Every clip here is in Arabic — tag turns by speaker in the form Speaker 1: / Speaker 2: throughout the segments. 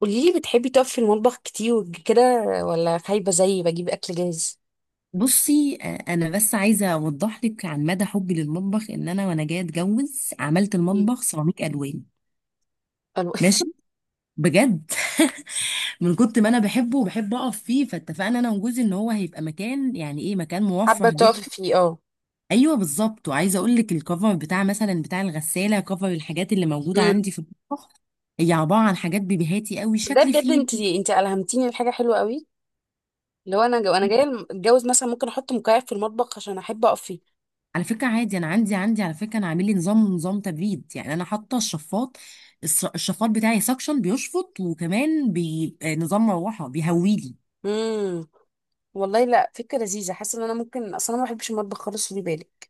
Speaker 1: قولي لي، بتحبي تقفي في المطبخ كتير كده، ولا خايبة زيي بجيب أكل جاهز؟
Speaker 2: بصي، انا بس عايزه اوضح لك عن مدى حبي للمطبخ ان انا وانا جايه اتجوز عملت
Speaker 1: مم.
Speaker 2: المطبخ سيراميك الوان.
Speaker 1: ألو-
Speaker 2: ماشي. بجد. من كنت ما انا بحبه وبحب اقف فيه، فاتفقنا انا وجوزي ان هو هيبقى مكان، يعني ايه، مكان موفر
Speaker 1: حابة تقفي
Speaker 2: جدا.
Speaker 1: فيه اه.
Speaker 2: ايوه بالظبط. وعايزه اقول لك الكفر بتاع مثلا بتاع الغساله، كفر الحاجات اللي موجوده
Speaker 1: مم.
Speaker 2: عندي في المطبخ هي عباره عن حاجات بيبيهاتي قوي
Speaker 1: ده
Speaker 2: شكل
Speaker 1: بجد
Speaker 2: فيه.
Speaker 1: انت ألهمتيني لحاجة حلوة قوي. لو انا جو انا جاية الم- اتجوز مثلا ممكن احط مكيف في المطبخ عشان احب اقف فيه.
Speaker 2: على فكرة عادي أنا عندي، على فكرة أنا عامل لي نظام تبريد، يعني أنا حاطة الشفاط. الشفاط بتاعي سكشن بيشفط، وكمان بي... آه، نظام مروحة بيهويلي.
Speaker 1: امم، والله لا، فكرة لذيذة. حاسة ان انا ممكن، اصلا انا ما بحبش المطبخ خالص، خدي بالك.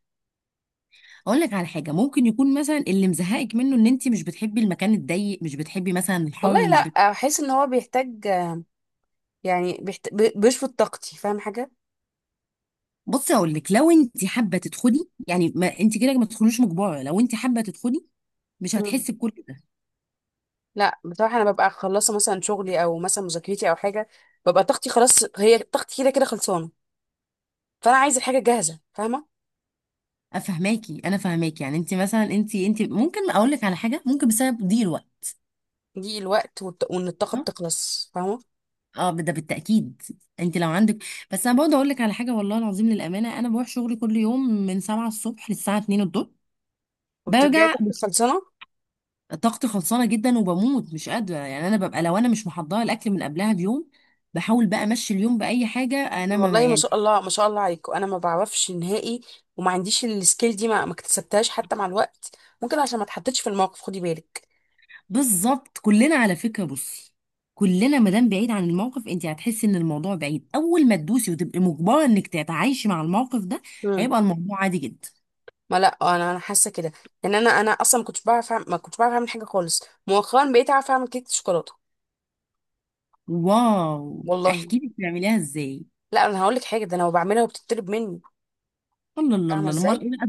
Speaker 2: أقول لك على حاجة، ممكن يكون مثلا اللي مزهقك منه إن أنت مش بتحبي المكان الضيق، مش بتحبي مثلا
Speaker 1: والله
Speaker 2: الحر،
Speaker 1: لا،
Speaker 2: مش بت...
Speaker 1: احس ان هو بيحتاج، يعني بيشفط طاقتي، فاهم حاجة؟
Speaker 2: بصي أقول لك، لو أنت حابة تدخلي يعني، ما أنت كده ما تدخلوش مجبرة. لو أنت حابة تدخلي مش هتحسي بكل ده.
Speaker 1: لا بصراحة، أنا ببقى خلصت مثلا شغلي أو مثلا مذاكرتي أو حاجة، ببقى طاقتي خلاص. هي طاقتي كده كده خلصانة، فأنا عايزة الحاجة جاهزة، فاهمة؟
Speaker 2: أفهماكي، أنا فهماكي. يعني أنت مثلا أنت ممكن أقول لك على حاجة، ممكن بسبب ضيق الوقت.
Speaker 1: دي الوقت وإن الطاقة بتخلص، فاهمة؟
Speaker 2: اه، ده بالتأكيد. انت لو عندك، بس انا برضه اقول لك على حاجة، والله العظيم للأمانة انا بروح شغلي كل يوم من 7 الصبح للساعة 2 الظهر.
Speaker 1: وبترجعي
Speaker 2: برجع
Speaker 1: طاقتك خلصانة.
Speaker 2: طاقتي خلصانة جدا، وبموت مش قادرة، يعني انا ببقى لو انا مش محضرة الاكل من قبلها بيوم بحاول بقى امشي اليوم بأي حاجة انا، ما
Speaker 1: والله ما
Speaker 2: يعني.
Speaker 1: شاء الله، ما شاء الله عليكم، أنا ما بعرفش نهائي وما عنديش السكيل دي، ما اكتسبتهاش حتى مع الوقت. ممكن عشان ما اتحطيتش في الموقف، خدي بالك.
Speaker 2: بالظبط، كلنا على فكرة، بصي، كلنا ما دام بعيد عن الموقف انت هتحسي ان الموضوع بعيد. اول ما تدوسي وتبقي مجبرة انك تتعايشي مع الموقف ده
Speaker 1: مم.
Speaker 2: هيبقى الموضوع عادي جدا.
Speaker 1: ما لا، انا حاسه كده. يعني انا اصلا ما كنتش بعرف اعمل حاجه خالص، مؤخرا بقيت اعرف اعمل كيكه شوكولاته.
Speaker 2: واو،
Speaker 1: والله
Speaker 2: احكي لي بتعمليها ازاي.
Speaker 1: لا، انا هقول لك حاجه، ده انا لو بعملها وبتطلب مني،
Speaker 2: الله الله
Speaker 1: فاهمه
Speaker 2: الله،
Speaker 1: ازاي؟
Speaker 2: امال ايه بقى؟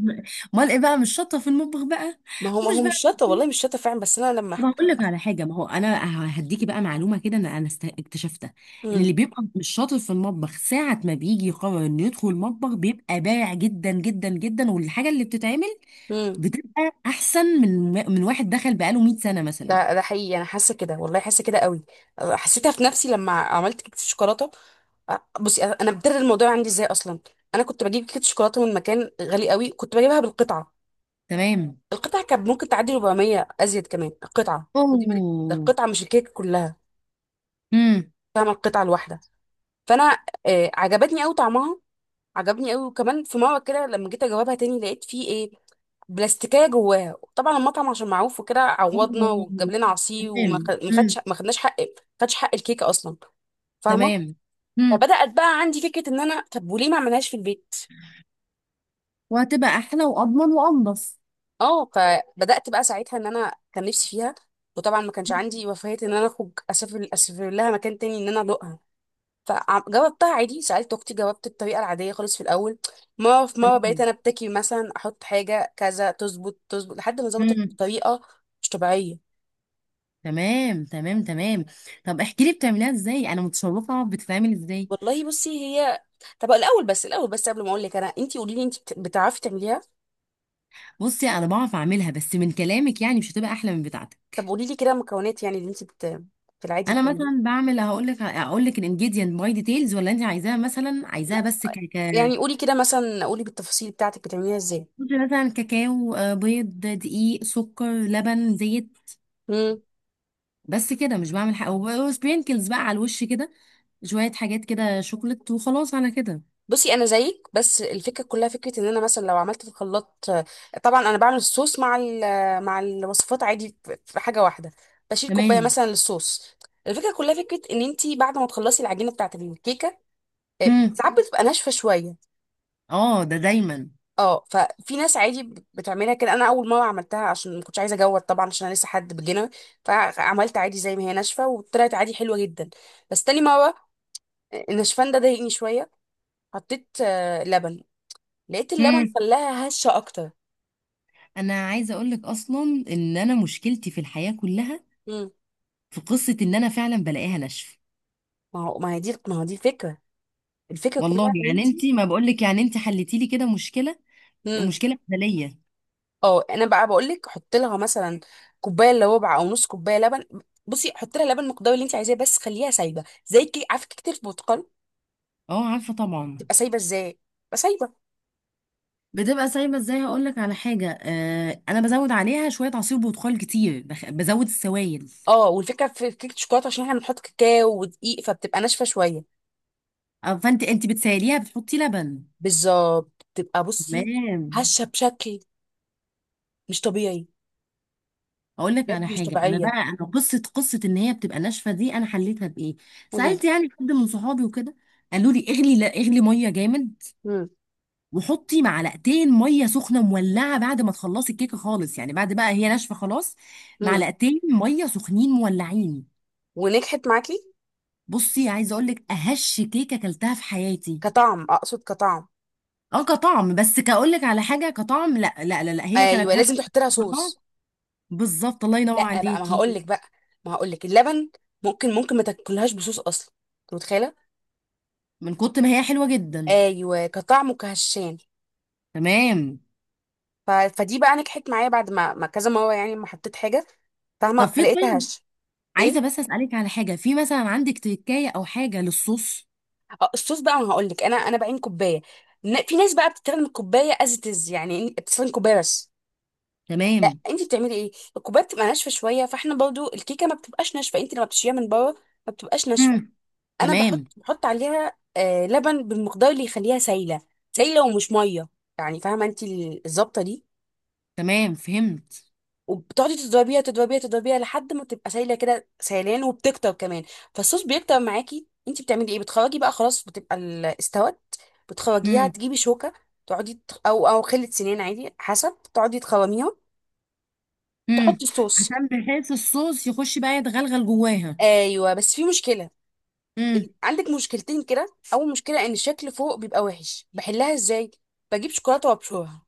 Speaker 2: امال ايه بقى، مش شاطره في المطبخ بقى؟
Speaker 1: ما هو ما
Speaker 2: ومش
Speaker 1: هو
Speaker 2: بقى.
Speaker 1: مش شاطه، والله مش شاطه فعلا، بس انا لما.
Speaker 2: طب هقول لك على حاجه، ما هو انا هديكي بقى معلومه كده، انا اكتشفتها ان اللي
Speaker 1: امم.
Speaker 2: بيبقى مش شاطر في المطبخ ساعه ما بيجي يقرر انه يدخل المطبخ بيبقى بارع جدا جدا جدا، والحاجه اللي بتتعمل
Speaker 1: امم.
Speaker 2: بتبقى احسن من واحد دخل بقاله 100 سنه مثلا.
Speaker 1: ده حقيقي، انا حاسه كده، والله حاسه كده قوي. حسيتها في نفسي لما عملت كيكه الشوكولاته. بصي، انا بدر الموضوع عندي ازاي اصلا. انا كنت بجيب كيكه شوكولاته من مكان غالي قوي، كنت بجيبها بالقطعه.
Speaker 2: تمام.
Speaker 1: القطعه كانت ممكن تعدي 400 ازيد كمان القطعه. خدي بالك، ده
Speaker 2: اوه.
Speaker 1: القطعه مش الكيكه كلها،
Speaker 2: امم.
Speaker 1: فاهمه؟ القطعه الواحده. فانا عجبتني قوي طعمها، عجبني قوي. وكمان في مره كده لما جيت اجاوبها تاني لقيت فيه ايه، بلاستيكيه جواها. طبعا المطعم عشان معروف وكده عوضنا وجاب
Speaker 2: اوه.
Speaker 1: لنا عصير، وما
Speaker 2: تمام.
Speaker 1: خ- ما
Speaker 2: امم.
Speaker 1: خدش ما خدناش حق، ما خدش حق الكيكه اصلا، فاهمه؟
Speaker 2: تمام. امم.
Speaker 1: فبدات بقى عندي فكره ان انا، طب وليه ما اعملهاش في البيت.
Speaker 2: وهتبقى احلى واضمن وانضف.
Speaker 1: اه، فبدات بقى ساعتها ان انا كان نفسي فيها، وطبعا ما كانش عندي رفاهيه ان انا اخرج اسافر لها مكان تاني ان انا ادوقها. فجاوبتها عادي، سألت أختي، جاوبت الطريقة العادية خالص في الأول. مرة في مرة بقيت
Speaker 2: تمام.
Speaker 1: أنا أبتكي مثلا أحط حاجة كذا، تظبط لحد ما ظبطت
Speaker 2: امم.
Speaker 1: بطريقة مش طبيعية.
Speaker 2: تمام تمام تمام، طب احكي لي بتعمليها ازاي، انا متشوقه بتتعمل ازاي.
Speaker 1: والله بصي، هي. طب الأول بس، الأول بس قبل ما أقول لك أنا، أنتي قولي لي، أنتي بتعرفي تعمليها؟
Speaker 2: بصي انا بعرف اعملها، بس من كلامك يعني مش هتبقى احلى من بتاعتك.
Speaker 1: طب قولي لي كده مكونات يعني اللي أنتي في العادي
Speaker 2: انا
Speaker 1: بتعمليها.
Speaker 2: مثلا بعمل، هقول لك الانجيديانت باي ديتيلز ولا انت عايزاها مثلا،
Speaker 1: لا
Speaker 2: عايزاها بس ك ك.
Speaker 1: يعني قولي كده مثلا، قولي بالتفاصيل بتاعتك بتعمليها إزاي.
Speaker 2: مثلا كاكاو، بيض، دقيق، سكر، لبن، زيت. بس كده، مش بعمل حاجه، وسبرينكلز بقى على الوش كده، شويه حاجات كده شوكليت، وخلاص على كده.
Speaker 1: بصي انا زيك، بس الفكره كلها فكره ان انا مثلا لو عملت في الخلاط. طبعا انا بعمل الصوص مع الوصفات عادي في حاجه واحده، بشيل كوبايه
Speaker 2: تمام.
Speaker 1: مثلا للصوص. الفكره كلها فكره ان انت بعد ما تخلصي العجينه بتاعت الكيكه،
Speaker 2: امم.
Speaker 1: ساعات بتبقى ناشفه شويه.
Speaker 2: اه، ده دايما.
Speaker 1: اه، ففي ناس عادي بتعملها كده. انا اول مره عملتها عشان ما كنتش عايزه اجود طبعا، عشان انا لسه حد بجنة، فعملت عادي زي ما هي ناشفه وطلعت عادي حلوه جدا. بس تاني مره النشفان ده ضايقني شويه، حطيت لبن، لقيت اللبن خلاها هشه اكتر.
Speaker 2: انا عايزه اقول لك اصلا ان انا مشكلتي في الحياه كلها
Speaker 1: امم.
Speaker 2: في قصه ان انا فعلا بلاقيها ناشفه.
Speaker 1: ما هو دي الفكره، الفكره
Speaker 2: والله
Speaker 1: كلها ان
Speaker 2: يعني
Speaker 1: انت.
Speaker 2: انت، ما بقول لك يعني انت حلتي لي كده مشكله،
Speaker 1: امم.
Speaker 2: مشكله بدنيه.
Speaker 1: اه انا بقى بقول لك، حط لها مثلا كوبايه الا ربع او نص كوبايه لبن. بصي حط لها لبن المقدار اللي انت عايزاه، بس خليها سايبه زي، كي عارفه كيكه البرتقال
Speaker 2: اه عارفه طبعا.
Speaker 1: تبقى سايبه ازاي؟ تبقى سايبه.
Speaker 2: بتبقى سايبه ازاي؟ هقول لك على حاجه، انا بزود عليها شويه عصير برتقال كتير، بزود السوائل.
Speaker 1: اه، والفكره في كيكه الشوكولاته عشان احنا بنحط كاكاو ودقيق، فبتبقى ناشفه شويه.
Speaker 2: فانت بتسيليها، بتحطي لبن.
Speaker 1: بالظبط، بتبقى بصي
Speaker 2: تمام.
Speaker 1: هشه بشكل مش طبيعي،
Speaker 2: اقول لك على
Speaker 1: بجد مش
Speaker 2: حاجه، انا
Speaker 1: طبيعيه.
Speaker 2: بقى انا قصه ان هي بتبقى ناشفه دي انا حليتها بايه.
Speaker 1: ودي.
Speaker 2: سالت يعني حد من صحابي وكده، قالوا لي اغلي، لا اغلي ميه جامد،
Speaker 1: امم.
Speaker 2: وحطي معلقتين ميه سخنه مولعه بعد ما تخلصي الكيكه خالص، يعني بعد بقى هي ناشفه خلاص.
Speaker 1: امم.
Speaker 2: معلقتين ميه سخنين مولعين.
Speaker 1: ونجحت معاكي؟
Speaker 2: بصي عايزه اقول لك، اهش كيكه اكلتها في حياتي.
Speaker 1: كطعم، اقصد كطعم.
Speaker 2: اه كطعم، بس كاقول لك على حاجه كطعم، لا لا لا, لا، هي كانت
Speaker 1: ايوه
Speaker 2: هش
Speaker 1: لازم تحط لها
Speaker 2: كطعم.
Speaker 1: صوص.
Speaker 2: بالظبط الله ينور
Speaker 1: لا بقى، ما
Speaker 2: عليكي.
Speaker 1: هقول لك بقى، ما هقول لك اللبن ممكن، ممكن ما تاكلهاش بصوص اصلا، انت متخيله؟
Speaker 2: من كتر ما هي حلوه جدا.
Speaker 1: ايوه كطعم وكهشان.
Speaker 2: تمام.
Speaker 1: فدي بقى نجحت معايا بعد ما كذا مره، يعني ما حطيت حاجه،
Speaker 2: طب
Speaker 1: فاهمه؟
Speaker 2: في،
Speaker 1: فلقيتها
Speaker 2: طيب،
Speaker 1: هش. ايه.
Speaker 2: عايزه بس اسالك على حاجه، في مثلا عندك تكايه او حاجه للصوص؟
Speaker 1: الصوص بقى ما هقول لك، انا انا بعين كوبايه. في ناس بقى بتستخدم الكوبايه از تز، يعني بتستخدم كوبايه بس. لا
Speaker 2: تمام.
Speaker 1: انت بتعملي ايه؟ الكوبايه بتبقى ناشفه شويه، فاحنا برضو الكيكه ما بتبقاش ناشفه، انت لما بتشيليها من بره ما بتبقاش ناشفه.
Speaker 2: مم.
Speaker 1: انا بحط
Speaker 2: تمام
Speaker 1: بحط عليها آه لبن بالمقدار اللي يخليها سايله، سايله ومش ميه، يعني فاهمه انت الظبطه دي.
Speaker 2: تمام، فهمت.
Speaker 1: وبتقعدي تضربيها تضربيها تضربيها لحد ما تبقى سايله كده سيلان وبتكتر كمان، فالصوص بيكتر معاكي. انت بتعملي ايه؟ بتخرجي بقى خلاص، بتبقى استوت، بتخرجيها،
Speaker 2: مم.
Speaker 1: تجيبي شوكه، تقعدي او او خله سنان عادي حسب، تقعدي تخرميها،
Speaker 2: امم.
Speaker 1: تحطي الصوص.
Speaker 2: عشان بحيث الصوص يخش بقى يتغلغل جواها.
Speaker 1: ايوه بس في مشكله،
Speaker 2: امم.
Speaker 1: عندك مشكلتين كده. اول مشكله ان الشكل فوق بيبقى وحش، بحلها ازاي؟ بجيب شوكولاته وابشرها.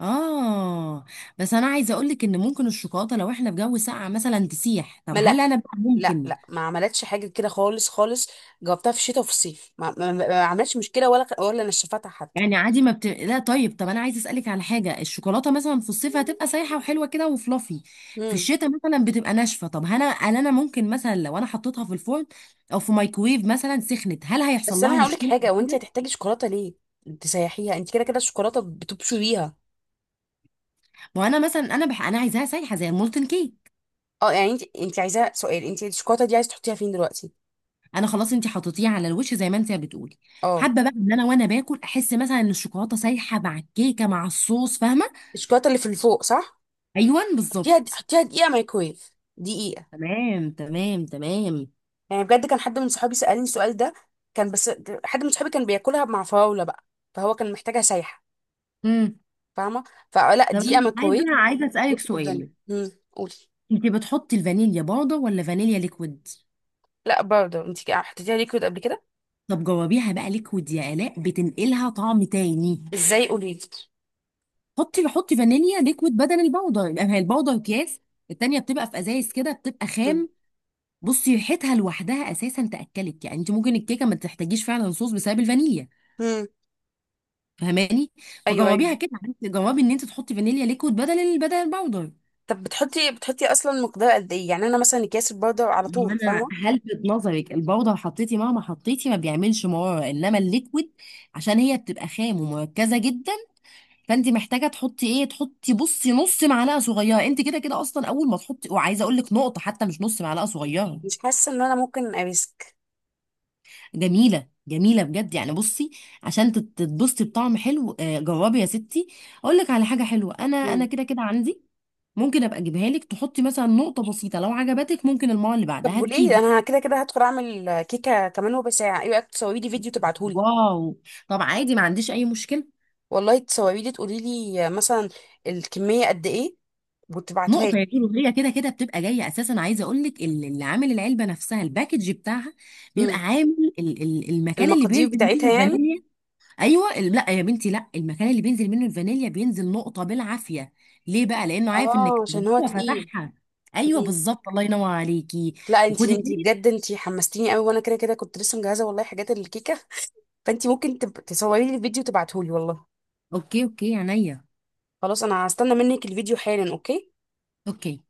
Speaker 2: اه، بس انا عايزه اقول لك ان ممكن الشوكولاته لو احنا في جو ساقع مثلا تسيح، طب
Speaker 1: ما لا،
Speaker 2: هل انا بقى
Speaker 1: لا
Speaker 2: ممكن
Speaker 1: لا ما عملتش حاجه كده خالص خالص. جاوبتها في الشتاء وفي الصيف، ما عملتش مشكله ولا ولا نشفتها حتى.
Speaker 2: يعني عادي ما لا، طيب، طب انا عايزه اسالك على حاجه، الشوكولاته مثلا في الصيف هتبقى سايحه وحلوه كده وفلافي، في
Speaker 1: امم.
Speaker 2: الشتاء مثلا بتبقى ناشفه، طب هل انا ممكن مثلا لو انا حطيتها في الفرن او في مايكرويف مثلا سخنت، هل هيحصل
Speaker 1: بس
Speaker 2: لها
Speaker 1: انا هقول لك
Speaker 2: مشكله أو
Speaker 1: حاجه، وانت
Speaker 2: كده؟
Speaker 1: هتحتاجي شوكولاته ليه تسيحيها؟ انت كده كده الشوكولاته بتبشريها بيها.
Speaker 2: ما انا مثلا انا عايزاها سايحه زي المولتن كيك.
Speaker 1: اه يعني انت عايزاها سؤال، انت الشوكولاته دي عايز تحطيها فين دلوقتي؟
Speaker 2: انا خلاص انت حطيتيه على الوش زي ما انت بتقولي،
Speaker 1: اه،
Speaker 2: حابه بقى ان انا وانا باكل احس مثلا ان الشوكولاته سايحه مع الكيكه مع الصوص، فاهمه.
Speaker 1: الشوكولاته اللي في الفوق، صح؟
Speaker 2: ايوه
Speaker 1: حطيها
Speaker 2: بالظبط.
Speaker 1: حطيها دقيقه مايكرويف، دقيقه.
Speaker 2: تمام تمام تمام.
Speaker 1: يعني بجد كان حد من صحابي سالني السؤال ده. كان بس، حد من صحابي كان بياكلها مع فراوله بقى، فهو كان محتاجها سايحه،
Speaker 2: امم.
Speaker 1: فاهمه؟ فلا،
Speaker 2: طب
Speaker 1: دقيقه
Speaker 2: انا عايزه
Speaker 1: مايكرويف.
Speaker 2: عايزه اسالك
Speaker 1: بصي تبدلي،
Speaker 2: سؤال،
Speaker 1: امم، قولي.
Speaker 2: انت بتحطي الفانيليا بودر ولا فانيليا ليكويد؟
Speaker 1: لا باودر، انت حطيتيها ليكويد قبل كده؟
Speaker 2: طب جربيها بقى ليكويد يا الاء، بتنقلها طعم تاني.
Speaker 1: ازاي، قولي لي.
Speaker 2: حطي فانيليا ليكويد بدل البودر، يبقى هي البودر اكياس، التانية بتبقى في ازايز كده، بتبقى
Speaker 1: امم.
Speaker 2: خام. بصي ريحتها لوحدها اساسا تاكلك، يعني انت ممكن الكيكه ما تحتاجيش فعلا صوص بسبب الفانيليا،
Speaker 1: امم.
Speaker 2: فهماني.
Speaker 1: ايوه
Speaker 2: فجربيها
Speaker 1: ايوه.
Speaker 2: كده، جربي ان انت تحطي فانيليا ليكويد بدل بدل الباودر.
Speaker 1: طب بتحطي اصلا مقدار قد ايه؟ يعني انا مثلا اكياس الباودر على
Speaker 2: هو
Speaker 1: طول،
Speaker 2: انا
Speaker 1: فاهمه؟
Speaker 2: هلفت نظرك الباودر حطيتي مهما حطيتي ما بيعملش مراره، انما الليكويد عشان هي بتبقى خام ومركزه جدا. فانت محتاجه تحطي ايه، تحطي بصي نص معلقه صغيره، انت كده كده اصلا اول ما تحطي، وعايزه اقول لك نقطه حتى مش نص معلقه صغيره.
Speaker 1: مش حاسه ان انا ممكن اريسك.
Speaker 2: جميلة جميلة بجد، يعني بصي، تتبسطي بطعم حلو، جربي يا ستي. اقول لك على حاجة حلوة، انا
Speaker 1: امم.
Speaker 2: كده كده عندي، ممكن ابقى اجيبها لك، تحطي مثلا نقطة بسيطة، لو عجبتك ممكن المرة اللي بعدها
Speaker 1: طب وليه؟
Speaker 2: هتجيبي.
Speaker 1: انا كده كده هدخل اعمل كيكه كمان ربع ساعه، ايه رايك تصوري لي فيديو تبعتهولي؟
Speaker 2: واو، طب عادي ما عنديش اي مشكلة.
Speaker 1: والله تصوري لي، تقولي لي مثلا الكميه قد ايه، وتبعتوها
Speaker 2: نقطة
Speaker 1: لي.
Speaker 2: يا كيلو، هي كده كده بتبقى جاية اساسا، عايزة اقول لك اللي عامل العلبة نفسها، الباكج بتاعها بيبقى
Speaker 1: امم.
Speaker 2: عامل المكان اللي
Speaker 1: المقادير
Speaker 2: بينزل منه
Speaker 1: بتاعتها يعني.
Speaker 2: الفانيليا. ايوه لا يا بنتي، لا، المكان اللي بينزل منه الفانيليا بينزل نقطه بالعافيه، ليه بقى؟ لانه عارف انك
Speaker 1: اه عشان هو
Speaker 2: هو
Speaker 1: تقيل.
Speaker 2: فتحها. ايوه
Speaker 1: مم.
Speaker 2: بالظبط، الله ينور عليكي.
Speaker 1: لا انتي،
Speaker 2: وخدي
Speaker 1: انتي
Speaker 2: بالك.
Speaker 1: بجد انتي حمستيني قوي، وانا كده كده كنت لسه مجهزه والله حاجات الكيكه، فانتي ممكن تصوري لي الفيديو تبعتهولي والله.
Speaker 2: اوكي اوكي عينيا.
Speaker 1: خلاص انا هستنى منك الفيديو حالا، اوكي؟
Speaker 2: اوكي.